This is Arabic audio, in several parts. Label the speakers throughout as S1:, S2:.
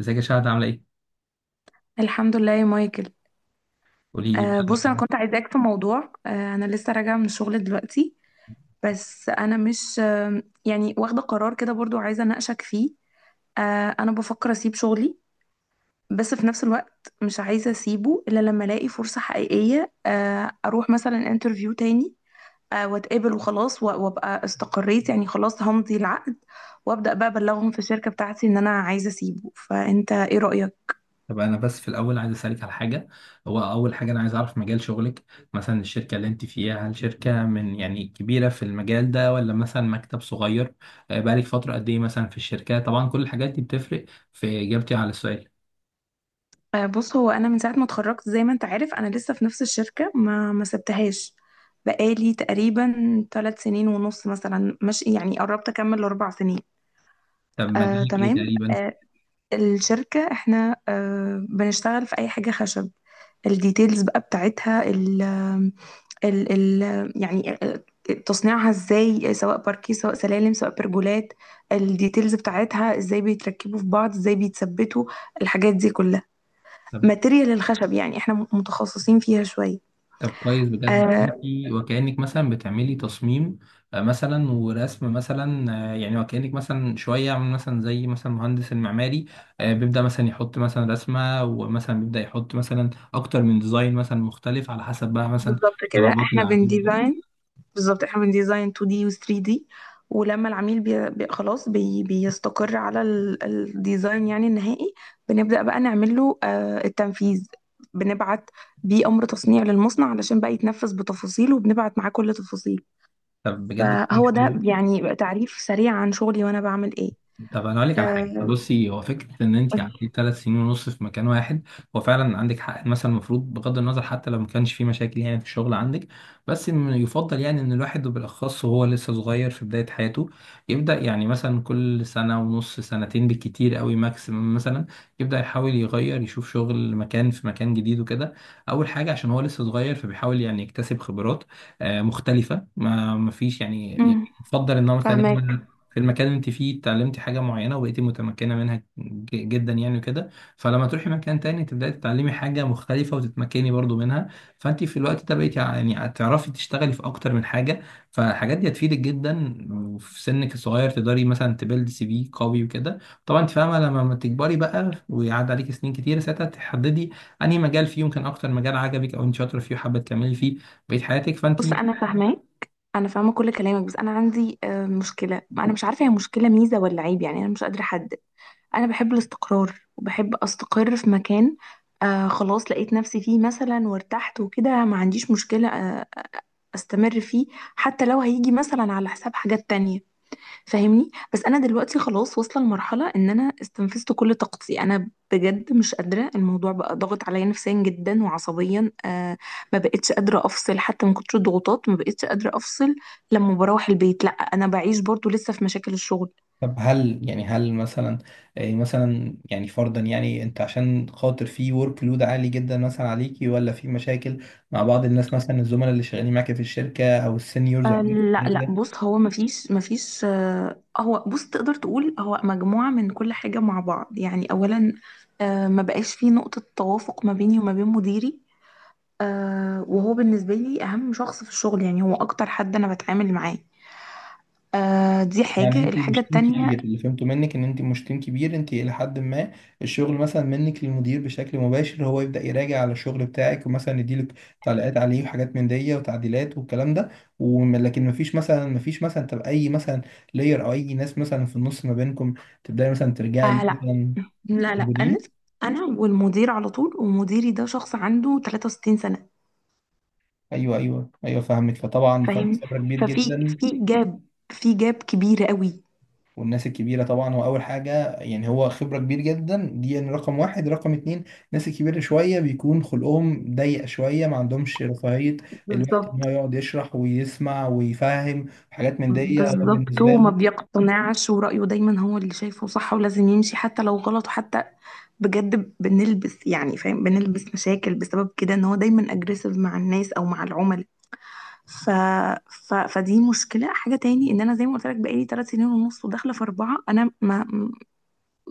S1: ازيك يا شهد، عامله ايه؟
S2: الحمد لله يا مايكل.
S1: قولي لي
S2: بص انا
S1: بقى.
S2: كنت عايزاك في موضوع. انا لسه راجعه من الشغل دلوقتي. بس انا مش يعني واخده قرار كده برضو عايزه اناقشك فيه. انا بفكر اسيب شغلي، بس في نفس الوقت مش عايزه اسيبه الا لما الاقي فرصه حقيقيه، اروح مثلا انترفيو تاني واتقابل وخلاص وابقى استقريت يعني خلاص همضي العقد، وابدا بقى ابلغهم في الشركه بتاعتي ان انا عايزه اسيبه، فانت ايه رايك؟
S1: طب انا بس في الاول عايز اسالك على حاجه. هو اول حاجه انا عايز اعرف مجال شغلك. مثلا الشركه اللي انت فيها، هل شركه من يعني كبيره في المجال ده، ولا مثلا مكتب صغير؟ بقالك فتره قد ايه مثلا في الشركه؟ طبعا كل الحاجات دي بتفرق في اجابتي على السؤال.
S2: بص، هو انا من ساعه ما اتخرجت زي ما انت عارف انا لسه في نفس الشركه، ما سبتهاش. بقالي تقريبا 3 سنين ونص مثلا، مش يعني، قربت اكمل 4 سنين.
S1: طب مجالك ايه
S2: تمام.
S1: تقريبا؟
S2: الشركه احنا بنشتغل في اي حاجه خشب. الديتيلز بقى بتاعتها، ال ال ال يعني تصنيعها ازاي، سواء باركيه سواء سلالم سواء برجولات. الديتيلز بتاعتها ازاي بيتركبوا في بعض، ازاي بيتثبتوا، الحاجات دي كلها. ماتيريال الخشب يعني احنا متخصصين فيها شوية.
S1: طب كويس بجد.
S2: آه،
S1: انتي وكأنك مثلا بتعملي تصميم مثلا ورسم، مثلا يعني وكأنك مثلا شوية عامل مثلا زي مثلا المهندس المعماري بيبدأ مثلا يحط مثلا رسمة، ومثلا بيبدأ يحط مثلا أكتر من ديزاين مثلا مختلف على حسب بقى مثلا
S2: بالظبط كده،
S1: طلبات
S2: احنا
S1: العميل.
S2: بنديزاين. بالظبط، احنا بنديزاين 2D و 3D. ولما العميل بي بي خلاص بيستقر على الديزاين يعني النهائي، بنبدأ بقى نعمل له التنفيذ. بنبعت بيه أمر تصنيع للمصنع علشان بقى يتنفذ بتفاصيله، وبنبعت معاه كل تفاصيل.
S1: طب بجد.
S2: فهو ده يعني تعريف سريع عن شغلي وأنا بعمل إيه.
S1: طب انا اقول لك على حاجه.
S2: آه،
S1: بصي، هو فكره ان انت
S2: قولي.
S1: قعدتي 3 سنين ونص في مكان واحد، هو فعلا عندك حق. مثلا المفروض بغض النظر، حتى لو ما كانش في مشاكل يعني في الشغل عندك، بس إن يفضل يعني ان الواحد وبالاخص وهو لسه صغير في بدايه حياته، يبدا يعني مثلا كل سنه ونص، سنتين بالكتير قوي ماكسيمم مثلا، يبدا يحاول يغير يشوف شغل مكان في مكان جديد وكده. اول حاجه عشان هو لسه صغير فبيحاول يعني يكتسب خبرات مختلفه. ما فيش يعني
S2: مم،
S1: يفضل ان هو
S2: فهماك.
S1: مثلا في المكان اللي انت فيه اتعلمتي حاجة معينة وبقيتي متمكنة منها جدا يعني وكده. فلما تروحي مكان تاني تبدأي تتعلمي حاجة مختلفة وتتمكني برضو منها، فانت في الوقت ده بقيتي يعني هتعرفي تشتغلي في اكتر من حاجة. فالحاجات دي هتفيدك جدا. وفي سنك الصغير تقدري مثلا تبيلد سي في قوي وكده. طبعا انت فاهمة، لما ما تكبري بقى ويعدي عليك سنين كتير، ساعتها تحددي انهي مجال فيه يمكن اكتر مجال عجبك او انت شاطرة فيه وحابة تكملي فيه بقية حياتك. فانت...
S2: بص، انا فاهماك، انا فاهمه كل كلامك، بس انا عندي مشكله. انا مش عارفه هي مشكله ميزه ولا عيب، يعني انا مش قادره احدد. انا بحب الاستقرار وبحب استقر في مكان. خلاص لقيت نفسي فيه مثلا وارتحت وكده، ما عنديش مشكله. استمر فيه حتى لو هيجي مثلا على حساب حاجات تانية، فاهمني. بس انا دلوقتي خلاص واصله لمرحله ان انا استنفذت كل طاقتي، انا بجد مش قادره، الموضوع بقى ضاغط عليا نفسيا جدا وعصبيا. ما بقتش قادره افصل، حتى من كتر الضغوطات ما بقتش قادره افصل. لما بروح البيت لا، انا بعيش برضو لسه في مشاكل الشغل.
S1: طب هل يعني، هل مثلا إيه مثلا يعني فرضا يعني انت عشان خاطر في ورك لود عالي جدا مثلا عليكي، ولا في مشاكل مع بعض الناس مثلا الزملاء اللي شغالين معاك في الشركة او السينيورز وحاجات
S2: لا لا،
S1: كده؟
S2: بص، هو ما فيش هو، بص، تقدر تقول هو مجموعه من كل حاجه مع بعض، يعني اولا ما بقاش في نقطه توافق ما بيني وما بين مديري. وهو بالنسبة لي أهم شخص في الشغل، يعني هو أكتر حد أنا بتعامل معاه. دي
S1: يعني
S2: حاجة،
S1: انتوا
S2: الحاجة
S1: مش تيم
S2: التانية،
S1: كبير؟ اللي فهمته منك ان انت مش تيم كبير، انت الى حد ما الشغل مثلا منك للمدير بشكل مباشر، هو يبدا يراجع على الشغل بتاعك ومثلا يديلك تعليقات عليه وحاجات من دي وتعديلات والكلام ده. وم- لكن مفيش مثلا، مفيش مثلا، تبقى اي مثلا لاير او اي ناس مثلا في النص ما بينكم تبداي مثلا ترجعي ليه
S2: آه لا
S1: مثلا
S2: لا لا. أنا
S1: موجودين.
S2: أنا والمدير على طول، ومديري ده شخص عنده 63 سنة،
S1: ايوه، ايوه، ايوه، فاهمك. فطبعا فرق
S2: فاهمني.
S1: خبره كبير
S2: ففي
S1: جدا.
S2: في جاب، في جاب كبير قوي.
S1: والناس الكبيرة طبعا، هو أول حاجة يعني هو خبرة كبير جدا دي، يعني رقم واحد. رقم اتنين، الناس الكبيرة شوية بيكون خلقهم ضيق شوية، ما عندهمش رفاهية الوقت إن
S2: بالظبط.
S1: هو يقعد يشرح ويسمع ويفهم حاجات من دي، هو
S2: بالظبط،
S1: بالنسبة
S2: وما
S1: له...
S2: بيقتنعش، ورأيه دايما هو اللي شايفه صح ولازم يمشي حتى لو غلط، وحتى بجد بنلبس، يعني فاهم، بنلبس مشاكل بسبب كده، ان هو دايما اجريسيف مع الناس او مع العملاء. ف... فدي مشكلة. حاجة تاني، ان انا زي ما قلت لك بقالي 3 سنين ونص وداخلة في 4، انا ما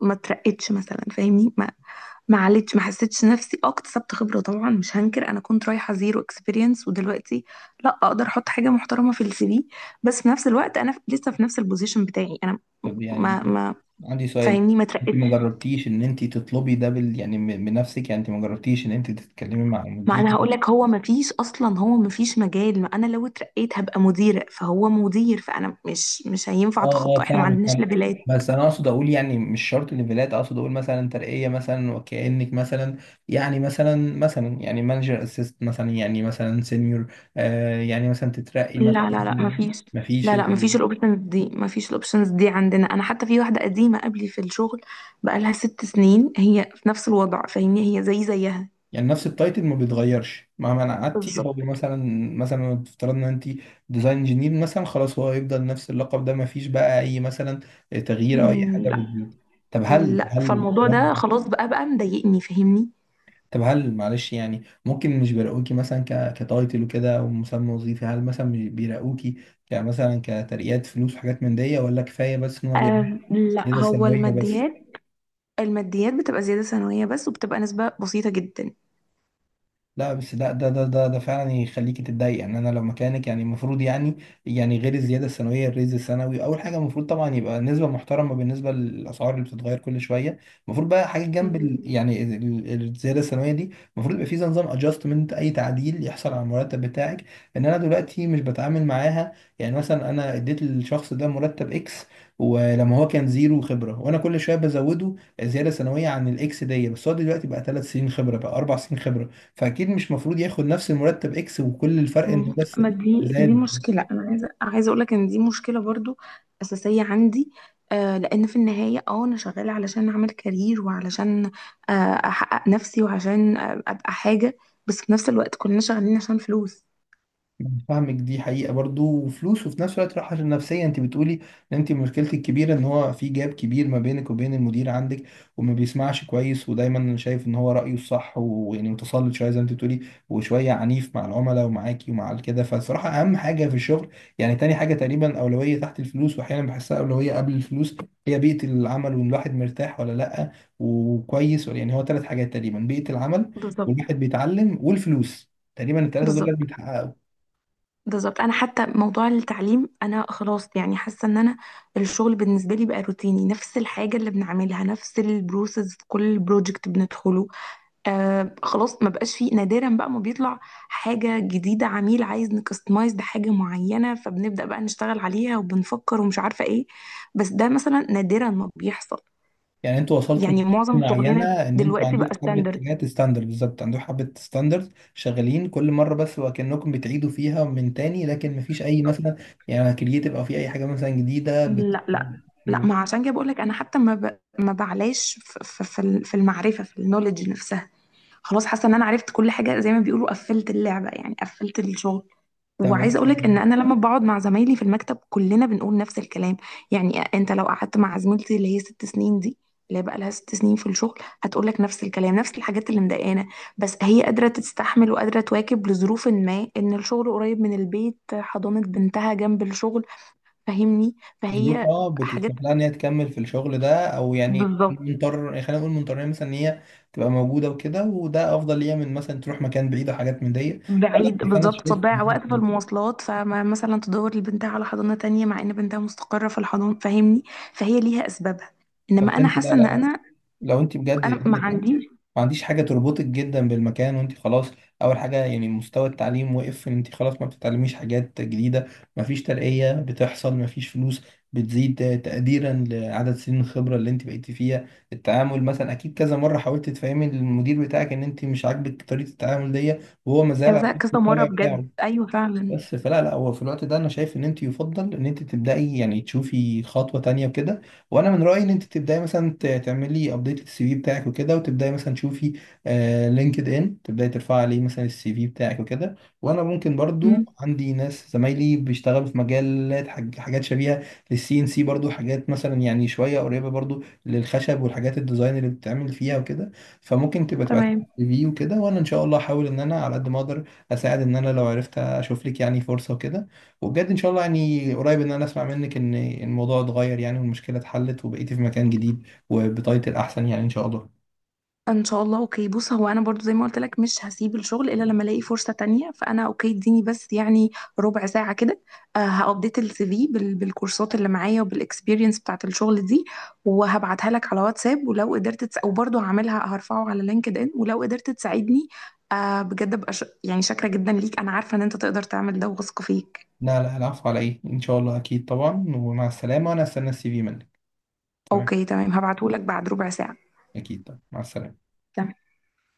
S2: ما اترقتش مثلا، فاهمني. ما عليتش، ما حسيتش نفسي اه اكتسبت خبرة. طبعا مش هنكر انا كنت رايحة زيرو اكسبيرينس، ودلوقتي لا اقدر احط حاجة محترمة في السي في. بس في نفس الوقت انا لسه في نفس البوزيشن بتاعي، انا
S1: طب
S2: ما
S1: يعني
S2: ما
S1: عندي سؤال.
S2: فاهمني ما
S1: انت
S2: اترقتش.
S1: ما جربتيش ان انت تطلبي ده بال يعني من نفسك؟ يعني انت ما جربتيش ان انت تتكلمي مع
S2: ما انا
S1: المدير؟
S2: هقول لك، هو ما فيش اصلا، هو ما فيش مجال. ما انا لو اترقيت هبقى مديرة فهو مدير، فانا مش هينفع
S1: اه، اه،
S2: اتخطى، احنا ما
S1: فاهمك،
S2: عندناش
S1: فاهمك.
S2: ليفلات.
S1: بس انا اقصد اقول يعني مش شرط ليفلات، اقصد اقول مثلا ترقيه مثلا، وكانك مثلا يعني مثلا يعني مانجر اسيست، مثلا يعني مثلا سينيور، يعني مثلا تترقي مثلا.
S2: لا لا لا، مفيش.
S1: ما فيش
S2: لا لا، مفيش الاوبشنز دي، مفيش الاوبشنز دي عندنا. انا حتى في واحده قديمه قبلي في الشغل بقالها 6 سنين هي في نفس الوضع، فاهمني، هي زي زيها.
S1: يعني نفس التايتل ما بيتغيرش مهما انا قعدتي. هو
S2: بالظبط كده.
S1: مثلا افترضنا ان انت ديزاين انجينير مثلا، خلاص هو هيفضل نفس اللقب ده، ما فيش بقى اي مثلا تغيير او اي
S2: مم،
S1: حاجه
S2: لا.
S1: بتزيد. طب هل
S2: لا،
S1: هل
S2: فالموضوع ده خلاص بقى مضايقني، فاهمني.
S1: طب هل، معلش، يعني ممكن مش بيراقوكي مثلا كتايتل وكده ومسمى وظيفي؟ هل مثلا مش بيراقوكي كمثلا كترقيات فلوس وحاجات من دي، ولا كفايه بس ان هو بيعمل
S2: آه، لا،
S1: كده
S2: هو
S1: سنويه بس؟
S2: الماديات، الماديات بتبقى زياده سنويه بس، وبتبقى نسبه بسيطه
S1: لا، بس ده ده فعلا يخليكي تتضايق. يعني انا لو مكانك، يعني المفروض يعني، يعني غير الزياده السنويه، الريز السنوي اول حاجه، المفروض طبعا يبقى نسبه محترمه بالنسبه للاسعار اللي بتتغير كل شويه. المفروض بقى حاجه
S2: جدا.
S1: جنب ال يعني ال- ال- الزياده السنويه دي، المفروض يبقى في زي نظام ادجستمنت. اي تعديل يحصل على المرتب بتاعك ان انا دلوقتي مش بتعامل معاها. يعني مثلا انا اديت للشخص ده مرتب اكس، ولما هو كان زيرو خبره وانا كل شويه بزوده زياده سنويه عن الاكس دي، بس هو دلوقتي بقى 3 سنين خبره، بقى 4 سنين خبره، فاكيد مش مفروض ياخد نفس المرتب اكس وكل الفرق انه بس
S2: ما دي
S1: زاد.
S2: مشكلة، أنا عايزة أقول لك إن دي مشكلة برضو أساسية عندي. لأن في النهاية أنا شغالة علشان أعمل كارير، وعلشان آه أحقق نفسي، وعشان أبقى حاجة. بس في نفس الوقت كلنا شغالين عشان فلوس.
S1: يعني فاهمك، دي حقيقة برضو، وفلوس، وفي نفس الوقت راحة نفسية. انت بتقولي ان انت مشكلتك الكبيرة ان هو في جاب كبير ما بينك وبين المدير عندك، وما بيسمعش كويس، ودايما شايف ان هو رأيه الصح، ويعني متسلط شوية زي ما انت بتقولي، وشوية عنيف مع العملاء ومعاكي ومع كده. فالصراحة اهم حاجة في الشغل، يعني تاني حاجة تقريبا، أولوية تحت الفلوس، واحيانا بحسها أولوية قبل الفلوس، هي بيئة العمل، وان الواحد مرتاح ولا لأ، وكويس ولا يعني. هو ثلاث حاجات تقريبا: بيئة العمل،
S2: بالظبط.
S1: والواحد بيتعلم، والفلوس. تقريبا الثلاثة دول لازم
S2: بالظبط،
S1: يتحققوا.
S2: بالظبط أنا حتى موضوع التعليم، أنا خلاص يعني حاسة إن أنا الشغل بالنسبة لي بقى روتيني، نفس الحاجة اللي بنعملها، نفس البروسيس في كل بروجكت بندخله. خلاص، ما بقاش فيه، نادرا بقى ما بيطلع حاجة جديدة، عميل عايز نكستمايز بحاجة معينة فبنبدأ بقى نشتغل عليها وبنفكر ومش عارفة ايه. بس ده مثلا نادرا ما بيحصل،
S1: يعني انتوا وصلتوا
S2: يعني معظم
S1: لمرحلة معينة
S2: شغلنا
S1: ان انتوا
S2: دلوقتي بقى
S1: عندكم حبة
S2: ستاندرد.
S1: حاجات ستاندرد، بالظبط عندكم حبة ستاندرد شغالين كل مرة، بس وكأنكم بتعيدوا فيها من تاني، لكن مفيش اي مثلا يعني كرييتيف، او في اي حاجة مثلا جديدة
S2: لا لا.
S1: م-
S2: لا، ما عشان كده بقول لك، انا حتى ما بعلاش في المعرفة، في النولج نفسها. خلاص حاسة ان انا عرفت كل حاجة، زي ما بيقولوا قفلت اللعبة، يعني قفلت الشغل.
S1: طب انت،
S2: وعايزه اقولك ان انا لما بقعد مع زمايلي في المكتب كلنا بنقول نفس الكلام. يعني انت لو قعدت مع زميلتي اللي هي 6 سنين دي، اللي هي بقى لها 6 سنين في الشغل، هتقولك نفس الكلام، نفس الحاجات اللي مضايقانا. بس هي قادره تستحمل وقادره تواكب لظروف، ما ان الشغل قريب من البيت، حضانه بنتها جنب الشغل، فاهمني، فهي
S1: ظروفها
S2: حاجات.
S1: بتسمح لها ان هي تكمل في الشغل ده، او يعني
S2: بالظبط.
S1: مضطر يعني خلينا نقول مضطرين مثلا ان هي تبقى موجودة وكده، وده افضل ليها من مثلا تروح مكان بعيد وحاجات من دي. لا، لا،
S2: بعيد،
S1: بس انا
S2: بالظبط
S1: شايف
S2: تضيع
S1: ان
S2: وقت في
S1: انت...
S2: المواصلات، فمثلا تدور لبنتها على حضانه تانية مع ان بنتها مستقره في الحضانه، فاهمني. فهي ليها اسبابها، انما
S1: بس
S2: انا
S1: انت، لا
S2: حاسه ان
S1: لا،
S2: انا
S1: لو انت بجد
S2: انا ما عنديش.
S1: ما عنديش حاجة تربطك جدا بالمكان وانت خلاص. أول حاجة يعني مستوى التعليم وقف، ان انت خلاص ما بتتعلميش حاجات جديدة. مفيش ترقية بتحصل، مفيش فلوس بتزيد تقديرا لعدد سنين الخبرة اللي انت بقيتي فيها. التعامل مثلا أكيد كذا مرة حاولت تفهمي للمدير بتاعك ان انت مش عاجبك طريقة التعامل دي، وهو مازال على
S2: كذا
S1: نفس
S2: كذا مره
S1: الطبع بتاعه.
S2: بجد، ايوه فعلا.
S1: بس فلا لا، هو في الوقت ده انا شايف ان انت يفضل ان انت تبداي يعني تشوفي خطوه تانية وكده. وانا من رايي ان انت تبداي مثلا تعملي ابديت للسي في بتاعك وكده، وتبداي مثلا تشوفي لينكد ان تبداي ترفعي عليه مثلا السي في بتاعك وكده. وانا ممكن برضو
S2: امم.
S1: عندي ناس زمايلي بيشتغلوا في مجالات حاجات شبيهه للسي ان سي، برضو حاجات مثلا يعني شويه قريبه برضو للخشب، والحاجات الديزاين اللي بتتعمل فيها وكده. فممكن تبقى تبعت السي
S2: تمام.
S1: في وكده، وانا ان شاء الله احاول ان انا على قد ما اقدر اساعد، ان انا لو عرفت اشوف لك يعني فرصه وكده. وبجد ان شاء الله يعني قريب ان انا اسمع منك ان الموضوع اتغير يعني، والمشكله اتحلت وبقيتي في مكان جديد وبتايتل احسن يعني، ان شاء الله.
S2: ان شاء الله، اوكي. بص، هو انا برضو زي ما قلت لك مش هسيب الشغل الا لما الاقي فرصه تانية، فانا اوكي، اديني بس يعني ربع ساعه كده. هابديت السي في بالكورسات اللي معايا وبالاكسبيرينس بتاعت الشغل دي، وهبعتها لك على واتساب. ولو قدرت وبرضو هعملها هرفعه على لينكد ان، ولو قدرت تساعدني بجد ابقى يعني شاكره جدا ليك، انا عارفه ان انت تقدر تعمل ده وواثقه فيك.
S1: لا لا، العفو، على ايه. ان شاء الله اكيد طبعا. ومع السلامه. وانا استنى السي في منك. تمام.
S2: اوكي تمام، هبعته لك بعد ربع ساعه.
S1: اكيد طبعا، مع السلامه.